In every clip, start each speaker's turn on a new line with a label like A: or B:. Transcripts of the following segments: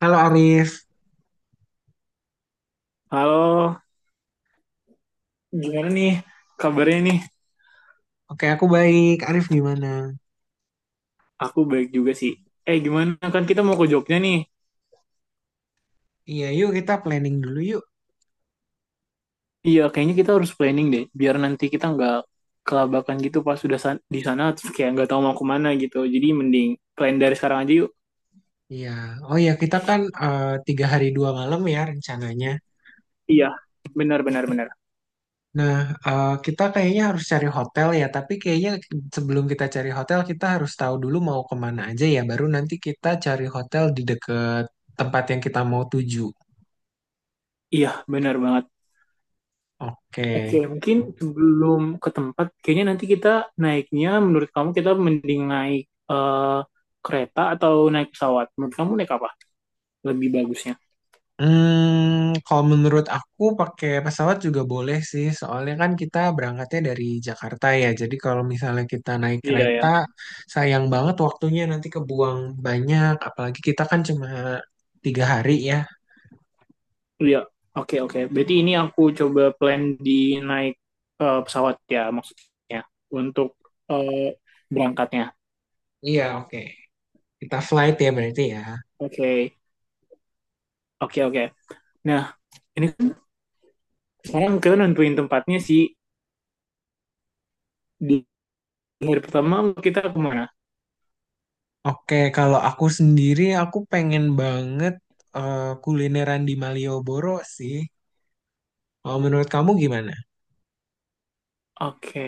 A: Halo Arif,
B: Halo, gimana nih kabarnya nih?
A: oke aku baik. Arif gimana?
B: Aku baik juga sih. Eh, gimana kan kita mau ke Jogja nih?
A: Iya, yuk kita planning dulu yuk.
B: Iya, kayaknya kita harus planning deh, biar nanti kita nggak kelabakan gitu pas sudah di sana, terus kayak nggak tahu mau kemana gitu. Jadi mending plan dari sekarang aja yuk.
A: Iya, oh ya kita kan 3 hari 2 malam ya rencananya.
B: Iya, benar benar benar.
A: Nah, kita kayaknya harus cari hotel ya. Tapi kayaknya sebelum kita cari hotel kita harus tahu dulu mau kemana aja ya. Baru nanti kita cari hotel di dekat tempat yang kita mau tuju.
B: Iya, benar banget.
A: Oke.
B: Oke, mungkin sebelum ke tempat, kayaknya nanti kita naiknya, menurut kamu kita mending naik eh, kereta atau naik pesawat? Menurut kamu naik apa? Lebih bagusnya.
A: Hmm, kalau menurut aku pakai pesawat juga boleh sih, soalnya kan kita berangkatnya dari Jakarta ya. Jadi kalau misalnya kita naik
B: Iya
A: kereta,
B: ya.
A: sayang banget waktunya nanti kebuang banyak. Apalagi kita kan cuma 3 hari ya.
B: Iya, oke oke. Berarti ini aku coba plan di naik pesawat ya maksudnya untuk eh, berangkatnya.
A: Iya, oke. Kita flight ya berarti ya.
B: Oke, oke oke. Nah, ini kan sekarang kita nentuin tempatnya sih di hari pertama kita kemana?
A: Oke, kalau aku sendiri aku pengen banget kulineran di Malioboro sih. Kalau menurut kamu gimana?
B: Oke,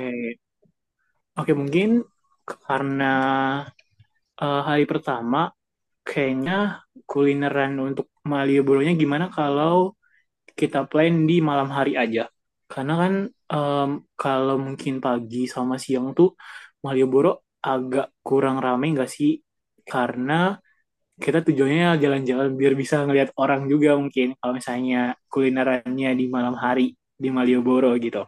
B: oke mungkin karena hari pertama kayaknya kulineran untuk Malioboro-nya gimana kalau kita plan di malam hari aja. Karena kan em, kalau mungkin pagi sama siang tuh Malioboro agak kurang rame nggak sih? Karena kita tujuannya jalan-jalan biar bisa ngelihat orang juga mungkin kalau misalnya kulinerannya di malam hari di Malioboro gitu.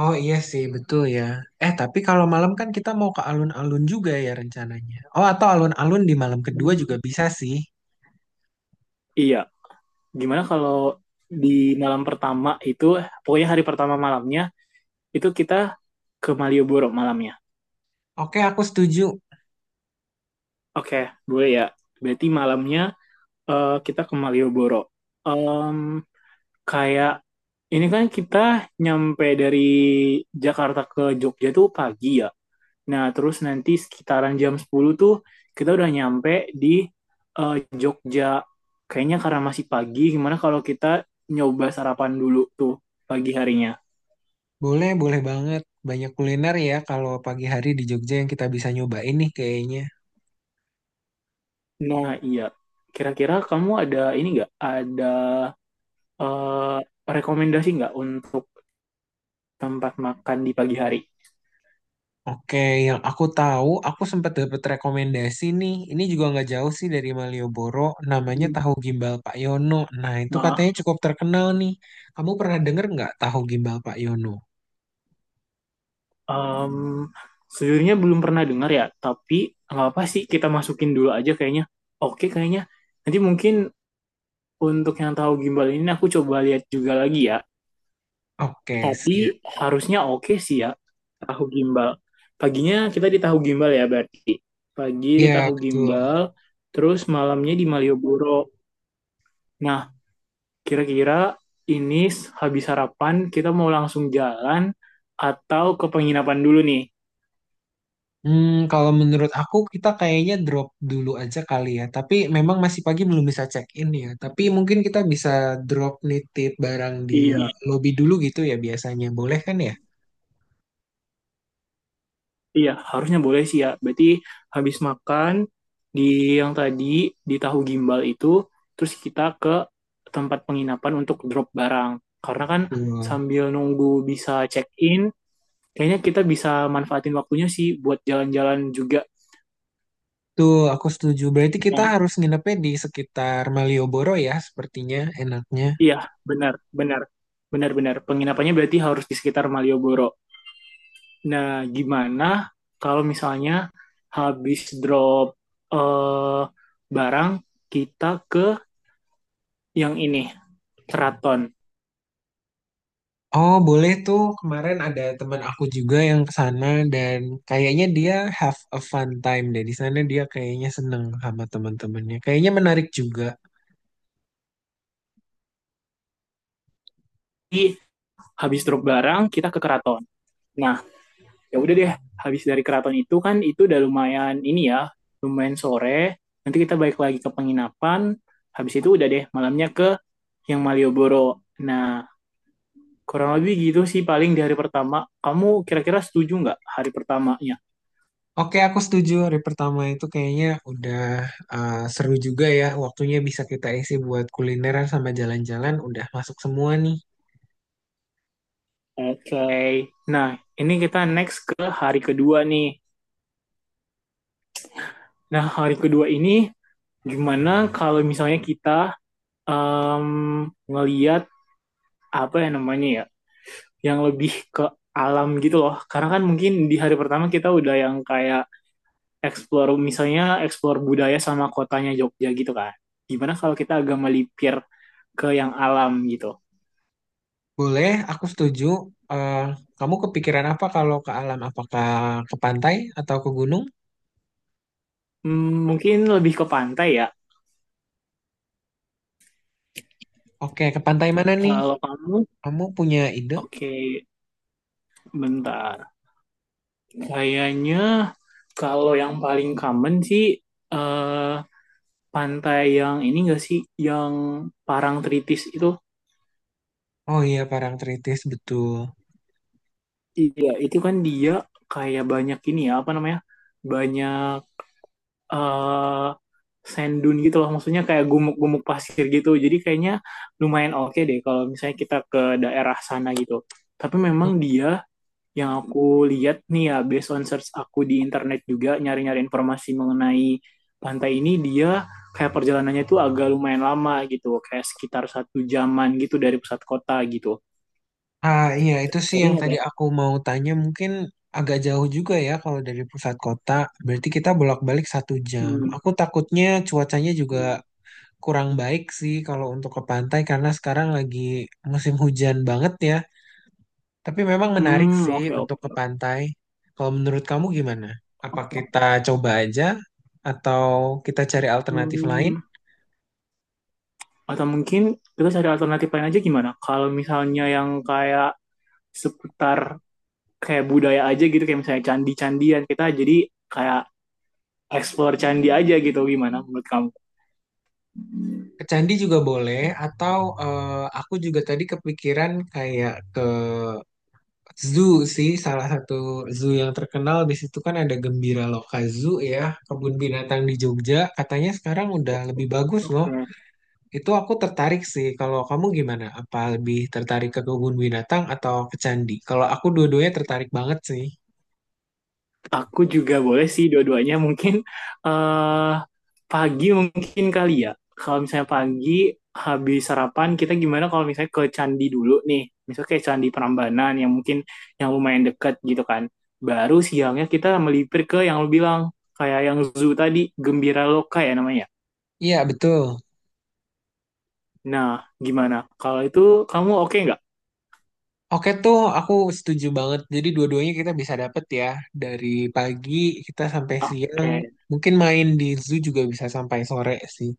A: Oh iya sih, betul ya. Eh, tapi kalau malam kan kita mau ke alun-alun juga ya rencananya. Oh, atau alun-alun di malam kedua juga
B: Hmm.
A: bisa sih.
B: Iya, gimana kalau di malam pertama itu, pokoknya hari pertama malamnya, itu kita ke Malioboro malamnya.
A: Oke, aku setuju.
B: Oke, boleh ya. Berarti malamnya kita ke Malioboro. Em, Kayak ini kan kita nyampe dari Jakarta ke Jogja tuh pagi ya. Nah, terus nanti sekitaran jam 10 tuh kita udah nyampe di eh, Jogja. Kayaknya karena masih pagi, gimana kalau kita nyoba sarapan dulu tuh pagi harinya.
A: Boleh, boleh banget. Banyak kuliner ya kalau pagi hari di Jogja yang kita bisa nyobain nih kayaknya.
B: Nah, iya. Kira-kira kamu ada ini nggak? Ada eh, rekomendasi nggak untuk tempat makan di pagi hari?
A: Oke, yang aku tahu, aku sempat dapat rekomendasi nih. Ini juga nggak jauh sih dari Malioboro, namanya Tahu Gimbal Pak Yono. Nah, itu
B: Hmm.
A: katanya cukup terkenal nih. Kamu pernah denger nggak Tahu Gimbal Pak Yono?
B: Em, Sejujurnya belum pernah dengar ya, tapi nggak apa sih kita masukin dulu aja kayaknya. Oke kayaknya. Nanti mungkin untuk yang tahu gimbal ini aku coba lihat juga lagi ya.
A: Oke,
B: Tapi
A: siap.
B: harusnya oke sih ya tahu gimbal. Paginya kita di tahu gimbal ya berarti. Pagi di
A: Iya,
B: tahu
A: betul.
B: gimbal, terus malamnya di Malioboro. Nah, kira-kira ini habis sarapan kita mau langsung jalan atau ke penginapan dulu nih?
A: Hmm, kalau menurut aku kita kayaknya drop dulu aja kali ya. Tapi memang masih pagi belum bisa check in ya. Tapi mungkin kita bisa drop nitip barang di
B: Iya.
A: lobby dulu gitu ya biasanya. Boleh kan ya?
B: Iya, harusnya boleh sih ya. Berarti habis makan di yang tadi di tahu gimbal itu, terus kita ke tempat penginapan untuk drop barang. Karena kan
A: Tuh,
B: sambil nunggu bisa check-in, kayaknya kita bisa manfaatin waktunya sih buat jalan-jalan juga.
A: tuh, aku setuju. Berarti kita
B: Nah,
A: harus nginepnya di sekitar Malioboro ya sepertinya enaknya.
B: iya, benar, benar. Benar-benar. Penginapannya berarti harus di sekitar Malioboro. Nah, gimana kalau misalnya habis drop eh, barang, kita ke yang ini, keraton.
A: Oh, boleh tuh. Kemarin ada teman aku juga yang ke sana dan kayaknya dia have a fun time deh. Di sana dia kayaknya seneng sama teman-temannya. Kayaknya menarik juga.
B: Jadi habis truk barang kita ke keraton. Nah, ya udah deh, habis dari keraton itu kan itu udah lumayan ini ya, lumayan sore. Nanti kita balik lagi ke penginapan. Habis itu udah deh malamnya ke yang Malioboro. Nah, kurang lebih gitu sih paling di hari pertama. Kamu kira-kira setuju nggak hari pertamanya?
A: Oke, aku setuju. Hari pertama itu kayaknya udah seru juga ya. Waktunya bisa kita isi buat kulineran sama jalan-jalan. Udah masuk semua nih.
B: Oke. Okay. Nah, ini kita next ke hari kedua nih. Nah, hari kedua ini gimana kalau misalnya kita em ngeliat apa ya namanya ya yang lebih ke alam gitu loh. Karena kan mungkin di hari pertama kita udah yang kayak explore misalnya explore budaya sama kotanya Jogja gitu kan. Gimana kalau kita agak melipir ke yang alam gitu.
A: Boleh, aku setuju. Eh, kamu kepikiran apa kalau ke alam? Apakah ke pantai atau ke gunung?
B: Mungkin lebih ke pantai ya.
A: Oke, ke pantai mana nih?
B: Kalau kamu,
A: Kamu punya ide?
B: oke, bentar. Kayaknya kalau yang paling common sih eh pantai yang ini enggak sih yang Parangtritis itu.
A: Oh iya, Parangtritis, betul.
B: Iya, itu kan dia kayak banyak ini ya, apa namanya? Banyak eh sand dune gitu loh, maksudnya kayak gumuk-gumuk pasir gitu, jadi kayaknya lumayan oke deh kalau misalnya kita ke daerah sana gitu. Tapi memang dia, yang aku lihat nih ya based on search aku di internet juga nyari-nyari informasi mengenai pantai ini, dia kayak perjalanannya tuh agak lumayan lama gitu, kayak sekitar satu jaman gitu dari pusat kota gitu,
A: Ah iya, itu sih
B: tapi
A: yang
B: nggak
A: tadi
B: apa-apa.
A: aku mau tanya. Mungkin agak jauh juga ya kalau dari pusat kota. Berarti kita bolak-balik 1 jam.
B: Hmm.
A: Aku takutnya cuacanya juga kurang baik sih kalau untuk ke pantai karena sekarang lagi musim hujan banget ya. Tapi memang menarik
B: Hmm,
A: sih
B: oke
A: untuk ke
B: oke
A: pantai. Kalau menurut kamu gimana? Apa
B: oke.
A: kita coba aja atau kita cari alternatif lain?
B: Hmm, Atau mungkin kita cari alternatif lain aja gimana? Kalau misalnya yang kayak seputar kayak budaya aja gitu, kayak misalnya candi-candian, kita jadi kayak explore candi aja gitu, gimana menurut kamu?
A: Ke candi juga boleh atau aku juga tadi kepikiran kayak ke zoo sih, salah satu zoo yang terkenal di situ kan ada Gembira Loka Zoo ya, kebun binatang di Jogja. Katanya sekarang udah lebih bagus loh.
B: Oke,
A: Itu aku tertarik sih. Kalau kamu gimana? Apa lebih tertarik ke kebun binatang atau ke candi? Kalau aku dua-duanya tertarik banget sih.
B: aku juga boleh sih dua-duanya mungkin eh pagi mungkin kali ya. Kalau misalnya pagi habis sarapan kita gimana kalau misalnya ke candi dulu nih. Misalnya kayak Candi Prambanan yang mungkin yang lumayan dekat gitu kan. Baru siangnya kita melipir ke yang lu bilang kayak yang zoo tadi, Gembira Loka ya namanya.
A: Iya, betul.
B: Nah, gimana? Kalau itu kamu oke nggak?
A: Oke tuh, aku setuju banget. Jadi dua-duanya kita bisa dapet ya. Dari pagi kita sampai siang.
B: Oke.
A: Mungkin main di zoo juga bisa sampai sore sih.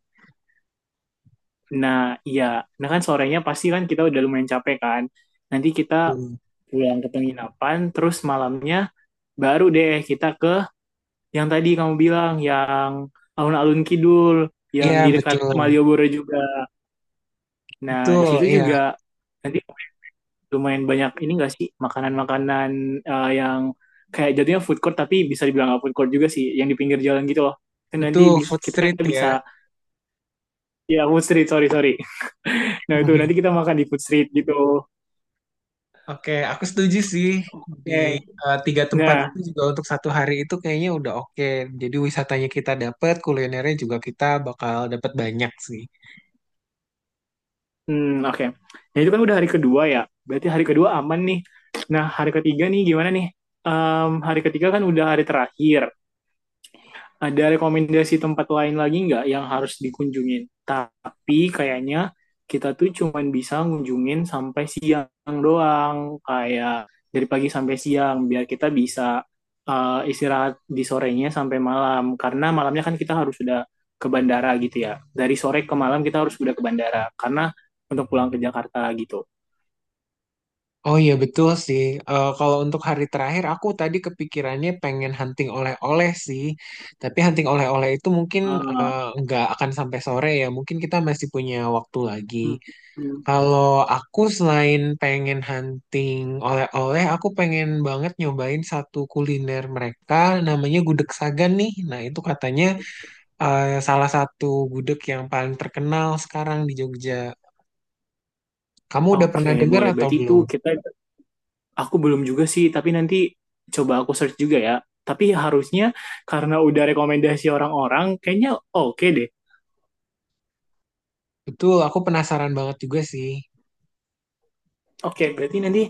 B: Nah, iya. Nah kan sorenya pasti kan kita udah lumayan capek kan. Nanti kita
A: Betul.
B: pulang ke penginapan, terus malamnya baru deh kita ke yang tadi kamu bilang, yang alun-alun Kidul, yang
A: Iya,
B: di dekat
A: betul.
B: Malioboro juga. Nah, di
A: Betul,
B: situ
A: iya.
B: juga nanti lumayan banyak ini nggak sih makanan-makanan yang kayak jadinya food court tapi bisa dibilang nggak food court juga sih, yang di pinggir jalan gitu loh. Dan nanti
A: Betul, food
B: kita
A: street ya.
B: bisa ya food street, sorry sorry. Nah itu nanti kita makan di food street gitu.
A: Oke, aku setuju sih di
B: Oke.
A: tiga tempat itu
B: Nah
A: juga untuk satu hari itu kayaknya udah oke. Jadi wisatanya kita dapat kulinernya juga kita bakal dapat banyak sih.
B: Oke. Nah, itu kan udah hari kedua ya. Berarti hari kedua aman nih. Nah, hari ketiga nih gimana nih? Hari ketiga kan udah hari terakhir. Ada rekomendasi tempat lain lagi nggak yang harus dikunjungin? Tapi kayaknya kita tuh cuman bisa ngunjungin sampai siang doang, kayak dari pagi sampai siang, biar kita bisa istirahat di sorenya sampai malam. Karena malamnya kan kita harus sudah ke bandara gitu ya. Dari sore ke malam kita harus sudah ke bandara, karena untuk pulang ke Jakarta gitu.
A: Oh iya betul sih. Eh, kalau untuk hari terakhir aku tadi kepikirannya pengen hunting oleh-oleh sih. Tapi hunting oleh-oleh itu mungkin
B: Ah,
A: nggak akan sampai sore ya. Mungkin kita masih punya waktu lagi.
B: mm, mm.
A: Kalau aku selain pengen hunting oleh-oleh, aku pengen banget nyobain satu kuliner mereka, namanya gudeg Sagan nih. Nah, itu katanya salah satu gudeg yang paling terkenal sekarang di Jogja. Kamu udah
B: Oke,
A: pernah dengar
B: boleh.
A: atau
B: Berarti itu
A: belum?
B: kita aku belum juga sih, tapi nanti coba aku search juga ya. Tapi harusnya karena udah rekomendasi orang-orang, kayaknya oke deh.
A: Betul, aku penasaran banget juga sih.
B: Oke, berarti nanti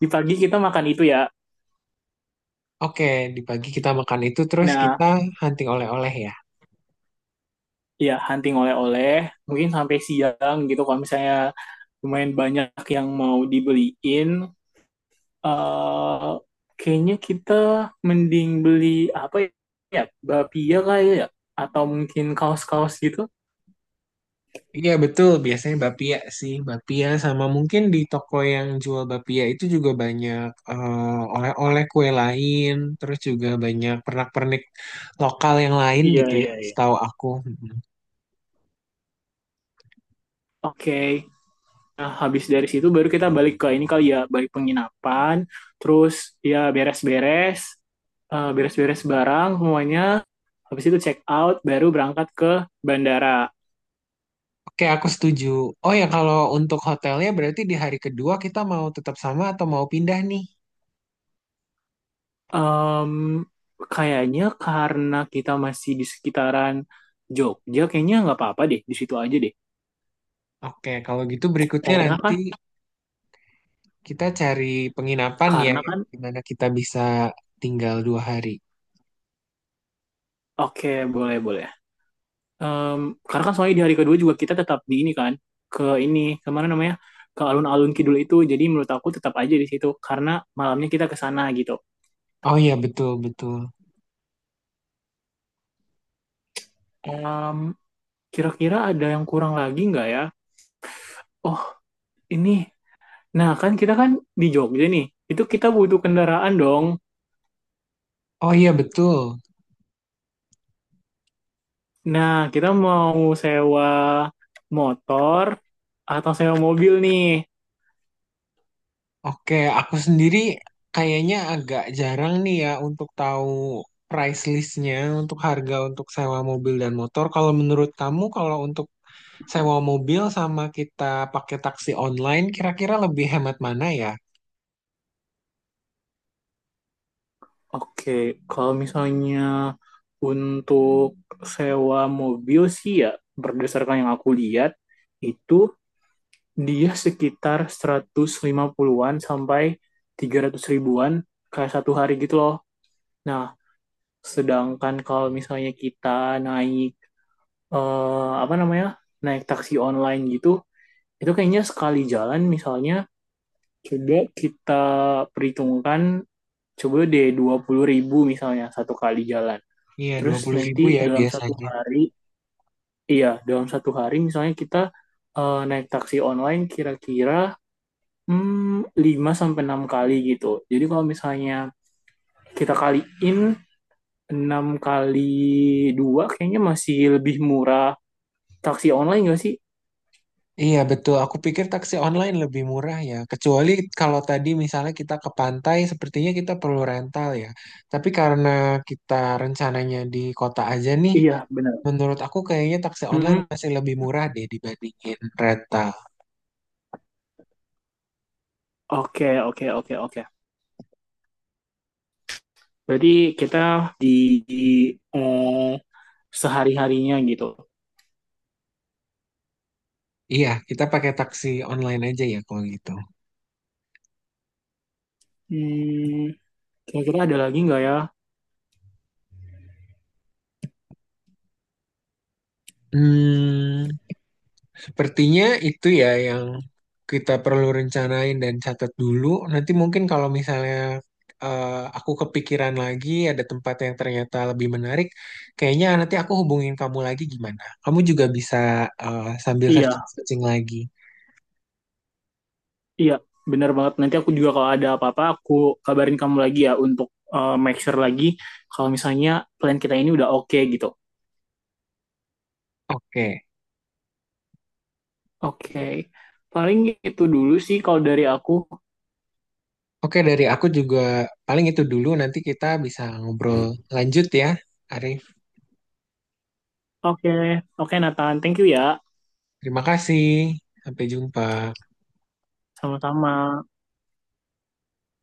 B: di pagi kita makan itu ya.
A: Oke, di pagi kita makan itu, terus kita
B: Nah,
A: hunting oleh-oleh ya.
B: ya hunting oleh-oleh, mungkin sampai siang gitu kalau misalnya lumayan banyak yang mau dibeliin. eh Kayaknya kita mending beli apa ya? Bapia kali ya? Atau mungkin kaos-kaos gitu?
A: Iya betul, biasanya bapia sih, bapia sama mungkin di toko yang jual bapia itu juga banyak oleh-oleh kue lain, terus juga banyak pernak-pernik lokal yang lain
B: Iya,
A: gitu ya, iya,
B: iya, iya.
A: setahu aku. Mm-mm.
B: Oke. Nah, habis dari situ baru kita balik ke ini kali ya, balik penginapan, terus ya beres-beres barang semuanya, habis itu check out, baru berangkat ke bandara.
A: Oke, aku setuju. Oh ya, kalau untuk hotelnya berarti di hari kedua kita mau tetap sama atau mau pindah nih?
B: Em, Kayaknya karena kita masih di sekitaran Jogja, kayaknya nggak apa-apa deh, di situ aja deh.
A: Oke, kalau gitu berikutnya
B: Karena
A: nanti
B: kan,
A: kita cari penginapan ya,
B: karena
A: yang
B: kan,
A: dimana kita bisa tinggal 2 hari.
B: oke boleh boleh. Em, karena kan soalnya di hari kedua juga kita tetap di ini kan, ke ini kemana namanya, ke alun-alun kidul itu, jadi menurut aku tetap aja di situ karena malamnya kita ke sana gitu.
A: Oh iya betul betul.
B: Em, Kira-kira ada yang kurang lagi nggak ya, oh ini, nah kan kita kan di Jogja nih, itu kita butuh kendaraan dong.
A: Oh iya betul.
B: Nah kita mau sewa motor atau sewa mobil nih?
A: Oke, aku sendiri kayaknya agak jarang nih ya untuk tahu price listnya untuk harga untuk sewa mobil dan motor. Kalau menurut kamu, kalau untuk sewa mobil sama kita pakai taksi online, kira-kira lebih hemat mana ya?
B: Oke, kalau misalnya untuk sewa mobil sih ya, berdasarkan yang aku lihat itu dia sekitar 150-an sampai 300 ribuan kayak satu hari gitu loh. Nah, sedangkan kalau misalnya kita naik apa namanya? Naik taksi online gitu, itu kayaknya sekali jalan misalnya, coba kita perhitungkan, coba deh 20 ribu misalnya satu kali jalan.
A: Iya, dua
B: Terus
A: puluh
B: nanti
A: ribu ya
B: dalam satu
A: biasanya.
B: hari, iya, dalam satu hari misalnya kita naik taksi online kira-kira 5 sampai 6 kali gitu. Jadi kalau misalnya kita kaliin 6 kali 2, kayaknya masih lebih murah taksi online nggak sih?
A: Iya betul, aku pikir taksi online lebih murah ya. Kecuali kalau tadi misalnya kita ke pantai, sepertinya kita perlu rental ya. Tapi karena kita rencananya di kota aja nih,
B: Iya, benar.
A: menurut aku kayaknya taksi online
B: Mm-mm.
A: masih lebih murah deh dibandingin rental.
B: Oke, oke, oke, oke. Berarti kita di, di, eh, sehari-harinya gitu.
A: Iya, kita pakai taksi online aja ya kalau gitu.
B: Hmm, Kira-kira ada lagi nggak ya?
A: Hmm, sepertinya itu ya yang kita perlu rencanain dan catat dulu. Nanti mungkin kalau misalnya eh, aku kepikiran lagi ada tempat yang ternyata lebih menarik, kayaknya nanti aku hubungin kamu lagi gimana? Kamu juga bisa sambil
B: Iya,
A: searching-searching lagi.
B: iya, benar banget. Nanti aku juga kalau ada apa-apa, aku kabarin kamu lagi ya untuk make sure lagi kalau misalnya plan kita ini udah oke okay, gitu.
A: Oke.
B: Oke, okay. Paling itu dulu sih kalau dari aku.
A: Oke, dari aku juga paling itu dulu. Nanti kita bisa ngobrol lanjut ya, Arif.
B: Oke, okay. Oke okay, Nathan, thank you ya.
A: Terima kasih. Sampai jumpa.
B: Sama-sama.